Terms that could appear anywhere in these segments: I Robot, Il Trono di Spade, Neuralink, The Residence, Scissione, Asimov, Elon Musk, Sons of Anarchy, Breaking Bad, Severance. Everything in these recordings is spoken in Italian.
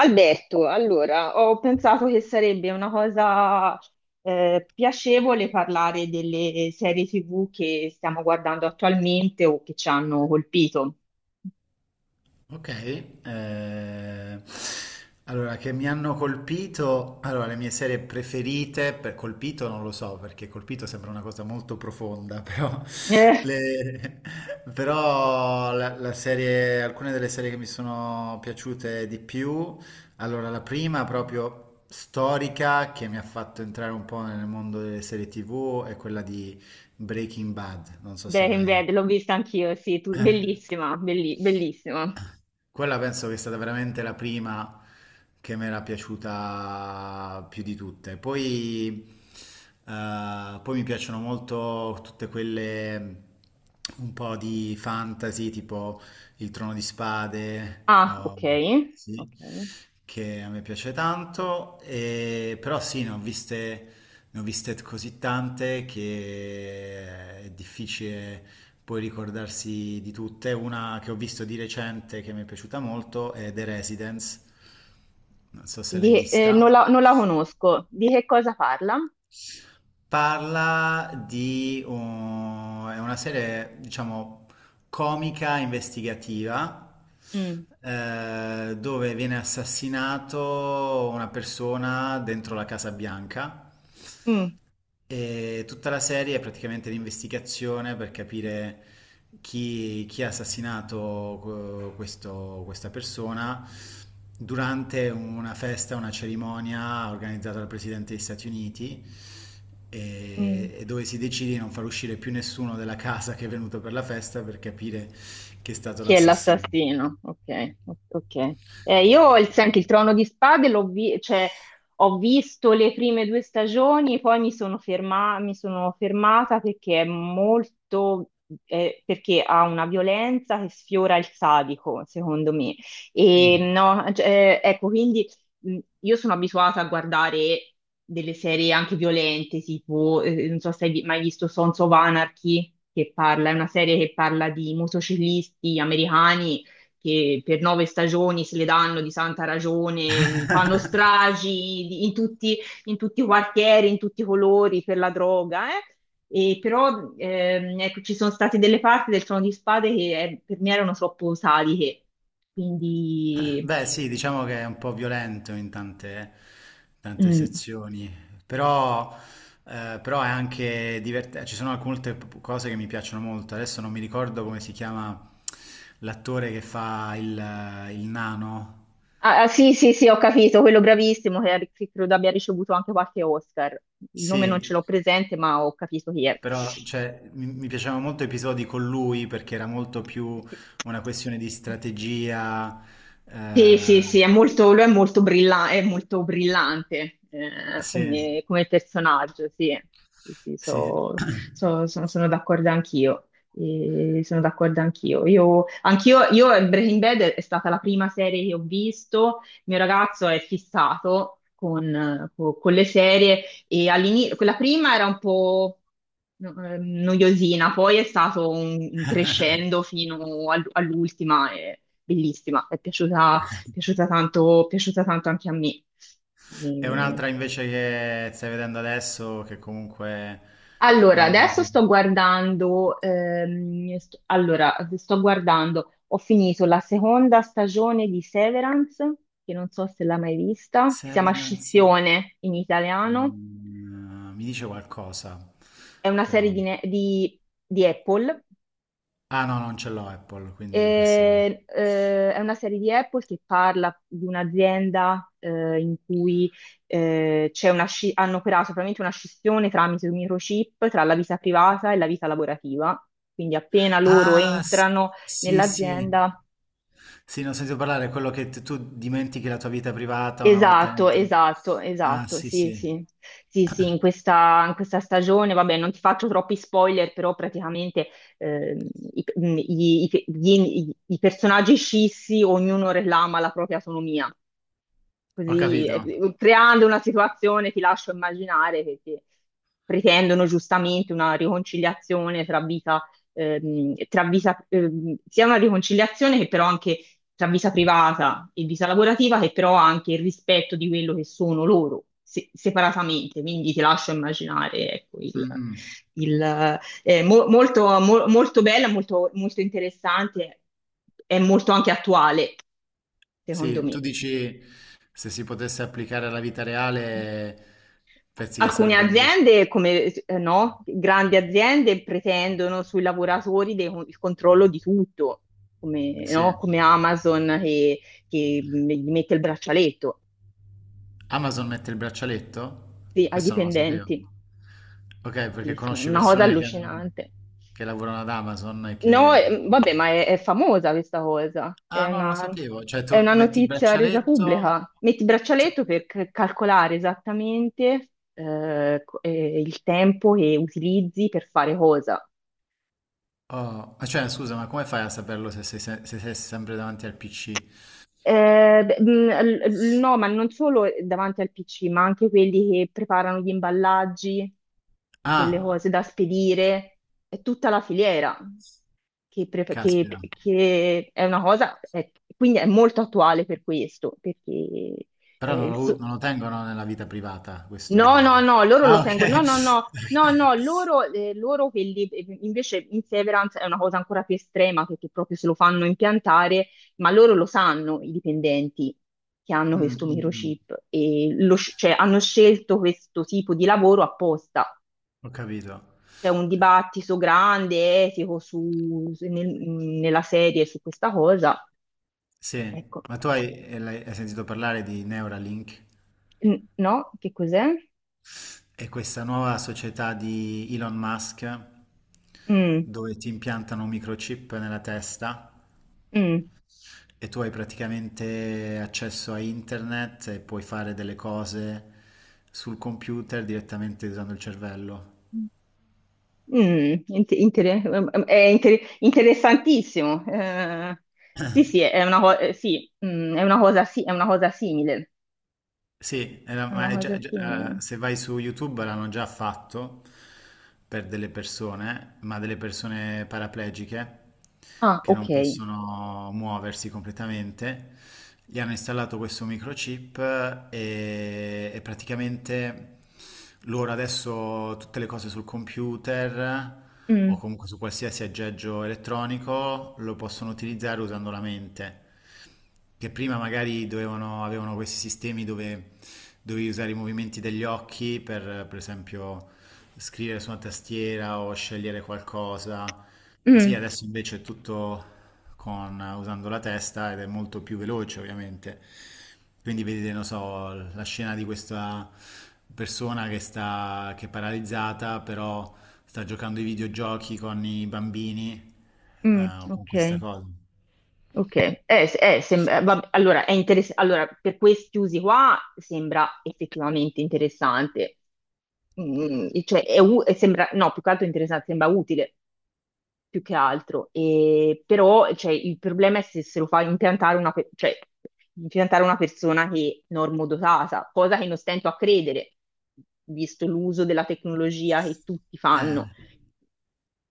Alberto, allora, ho pensato che sarebbe una cosa piacevole parlare delle serie TV che stiamo guardando attualmente o che ci hanno colpito. Ok, eh, allora che mi hanno colpito, allora le mie serie preferite, per colpito non lo so perché colpito sembra una cosa molto profonda, però, Eh, le- però alcune delle serie che mi sono piaciute di più, allora la prima proprio storica che mi ha fatto entrare un po' nel mondo delle serie TV è quella di Breaking Bad, non so se Breaking l'hai... Bad, l'ho vista anch'io, sì, bellissima, bellissima. Quella penso che è stata veramente la prima che mi era piaciuta più di tutte. Poi, poi mi piacciono molto tutte quelle un po' di fantasy, tipo Il Trono di Spade, Ah, oh, ok, sì, ok. che a me piace tanto. Però sì, ne ho viste così tante che è difficile puoi ricordarsi di tutte. Una che ho visto di recente che mi è piaciuta molto è The Residence, non so se l'hai Non vista. Non la conosco. Di che cosa parla? Parla di è una serie, diciamo, comica investigativa Mm, dove viene assassinato una persona dentro la Casa Bianca. mm, E tutta la serie è praticamente l'investigazione per capire chi, chi ha assassinato questa persona durante una festa, una cerimonia organizzata dal Presidente degli Stati Uniti mm. E dove si decide di non far uscire più nessuno della casa che è venuto per la festa per capire chi è stato Chi è l'assassino. l'assassino? Ok, ok. Senti, il Trono di Spade cioè, ho visto le prime due stagioni, poi mi sono fermata perché è molto, perché ha una violenza che sfiora il sadico, secondo me. E Mm. no, cioè, ecco, quindi io sono abituata a guardare delle serie anche violente, tipo, non so se mai visto Sons of Anarchy, che parla, è una serie che parla di motociclisti americani che per nove stagioni se le danno di santa ragione, fanno in tutti i quartieri, in tutti i colori per la droga, eh. E però ecco, ci sono state delle parti del Trono di Spade che per me erano troppo saliche, quindi... Beh, sì, diciamo che è un po' violento in tante, tante Mm. sezioni, però, però è anche divertente. Ci sono alcune cose che mi piacciono molto. Adesso non mi ricordo come si chiama l'attore che fa il nano. Ah, ah, sì, sì, sì, ho capito, quello bravissimo che credo abbia ricevuto anche qualche Oscar. Il nome non ce Sì, l'ho presente, ma ho capito chi è. però Sì. cioè, mi piacevano molto episodi con lui perché era molto più una questione di strategia. Sì, sì, eh, sì, è molto, lui è molto, è molto brillante sì, come, come personaggio, sì, sì, sì, sì. Sono d'accordo anch'io. E sono d'accordo anch'io. Io, anch'io, io Breaking Bad è stata la prima serie che ho visto, il mio ragazzo è fissato con, con le serie e all'inizio, quella prima era un po' noiosina, poi è stato un crescendo fino all'ultima. E bellissima, è piaciuta tanto, piaciuta tanto anche a me. E E- un'altra invece che stai vedendo adesso, che comunque è Allora, una delle adesso tue- sto guardando, sto guardando, ho finito la seconda stagione di Severance, che non so se l'hai mai vista, che si chiama Severance. Scissione in italiano, Mm, mi dice qualcosa, è una serie però. di, di Apple. Ah no, non ce l'ho Apple, quindi questo non. E, è una serie di Apple che parla di un'azienda in cui c'è una hanno operato probabilmente una scissione tramite un microchip tra la vita privata e la vita lavorativa. Quindi appena loro Ah, s- entrano sì, sì. nell'azienda. Sì, non ho sentito parlare, è quello che tu dimentichi la tua vita privata una volta Esatto, entri. esatto, Ah, esatto, sì, sì, sì. sì, sì, sì, in questa stagione, vabbè, non ti faccio troppi spoiler, però praticamente ehm, i personaggi scissi, ognuno reclama la propria autonomia. Ho Così, capito. Creando una situazione, ti lascio immaginare, che pretendono giustamente una riconciliazione tra vita, sia una riconciliazione che però anche tra vita privata e vita lavorativa, che però ha anche il rispetto di quello che sono loro. Separatamente, quindi ti lascio immaginare, ecco, Mhm. Molto, mo- molto bella, molto, molto interessante, è molto anche attuale, secondo Sì, tu me. dici se si potesse applicare alla vita reale, pensi che Alcune sarebbe una cosa... aziende, come no, grandi aziende, pretendono sui lavoratori il controllo di tutto, come, Sì, no, come Amazon che gli mette il braccialetto Amazon mette il braccialetto? sì, ai Questo non lo sapevo. dipendenti. Ok, perché Sì, sì, è conosci una cosa persone che hanno... allucinante. che lavorano ad Amazon e No, che... vabbè, ma è famosa questa cosa, Ah, no, non lo sapevo. Cioè, è tu una metti il notizia resa pubblica. braccialetto... Metti il Cioè, braccialetto per calcolare esattamente il tempo che utilizzi per fare cosa. oh, ma cioè, scusa, ma come fai a saperlo se sei, se sei sempre davanti al PC? Beh, no, ma non solo davanti al PC, ma anche quelli che preparano gli imballaggi delle Ah, cose da spedire, è tutta la filiera caspita. che è una cosa, è quindi è molto attuale per questo, perché Però eh, non il lo, so- non lo tengono nella vita privata, no, questo... no, no, loro lo Ah, tengono, ok. no, no, no, no, no, loro, invece in Severance è una cosa ancora più estrema perché proprio se lo fanno impiantare, ma loro lo sanno, i dipendenti che Ok. hanno Mm, questo mm, mm. microchip e cioè, hanno scelto questo tipo di lavoro apposta. Ho capito. C'è un dibattito grande, etico, nella serie su questa cosa. Sì, Ecco, ma tu hai, hai sentito parlare di Neuralink mm, no, che cos'è? e questa nuova società di Elon Musk Mm, dove ti impiantano un microchip nella testa mm. e tu hai praticamente accesso a internet e puoi fare delle cose sul computer direttamente usando il cervello. Mm, int- inter- Interessantissimo. Sì, sì, è una, sì, è una cosa, è una cosa simile. Sì, È ma una è cosa simile. Se vai su YouTube l'hanno già fatto per delle persone, ma delle persone paraplegiche Ah, che ok. non possono muoversi completamente. Gli hanno installato questo microchip e praticamente loro adesso tutte le cose sul computer o Mm, comunque su qualsiasi aggeggio elettronico lo possono utilizzare usando la mente che prima magari dovevano, avevano questi sistemi dove dovevi usare i movimenti degli occhi per esempio, scrivere su una tastiera o scegliere qualcosa. Così mm, adesso invece è tutto con, usando la testa ed è molto più veloce, ovviamente. Quindi vedete, non so, la scena di questa persona che sta, che è paralizzata, però sta giocando ai videogiochi con i bambini, mm, con questa ok. cosa. Ok. Vabbè, allora, allora, per questi usi qua sembra effettivamente interessante. Mm, cioè, sembra, no, più che altro interessante, sembra utile. Più che altro. E, però cioè, il problema è se, se lo fa impiantare una, cioè, impiantare una persona che è normodotata, cosa che non stento a credere, visto l'uso della tecnologia che tutti fanno. Eh,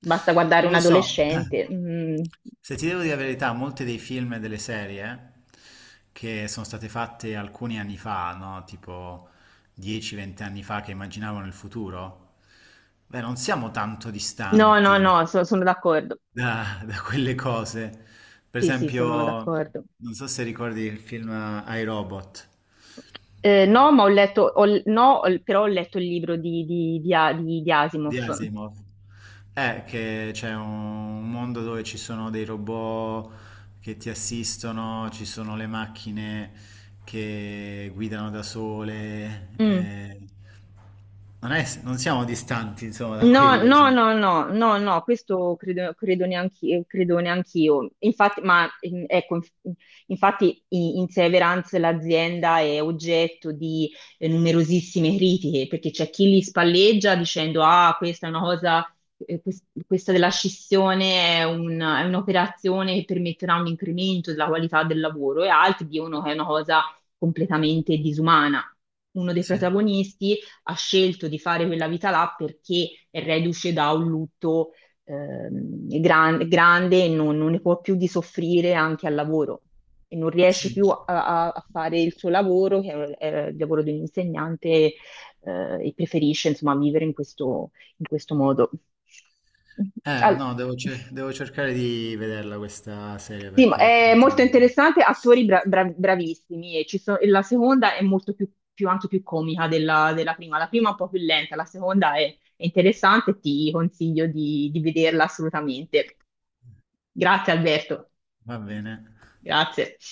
Basta guardare Non un lo so, adolescente. Mm. se ti devo dire la verità, molti dei film e delle serie che sono state fatte alcuni anni fa, no? Tipo 10-20 anni fa, che immaginavano il futuro, beh, non siamo tanto No, no, distanti no, sono d'accordo. da, da quelle cose. Per Sì, sì, esempio, sono d'accordo. non so se ricordi il film I Robot. No, ma ho letto, ho- no, ho- però ho letto il libro di Di Asimov. Asimov. È che c'è un mondo dove ci sono dei robot che ti assistono, ci sono le macchine che guidano da sole. Mm. Non siamo distanti, insomma, da No, quello. no, Sì, no, no, no, no, questo credo, credo neanch'io, credo neanch'io. Infatti, ma ecco, infatti in Severance l'azienda è oggetto di numerosissime critiche, perché c'è chi li spalleggia dicendo, ah, questa è una cosa, questa della scissione è è un'operazione che permetterà un incremento della qualità del lavoro, e altri dicono che è una cosa completamente disumana. Uno dei sì. protagonisti ha scelto di fare quella vita là perché è reduce da un lutto grande e non, non ne può più di soffrire anche al lavoro e non riesce Sì. più a, a fare il suo lavoro, che è il lavoro di un insegnante, e preferisce insomma vivere in questo modo. Al- No, devo, devo cercare di vederla questa serie sì, ma perché... è molto interessante, attori bravissimi. E e la seconda è molto più, anche più comica della, della prima. La prima è un po' più lenta, la seconda è interessante, ti consiglio di vederla assolutamente. Grazie Alberto, Va bene. grazie.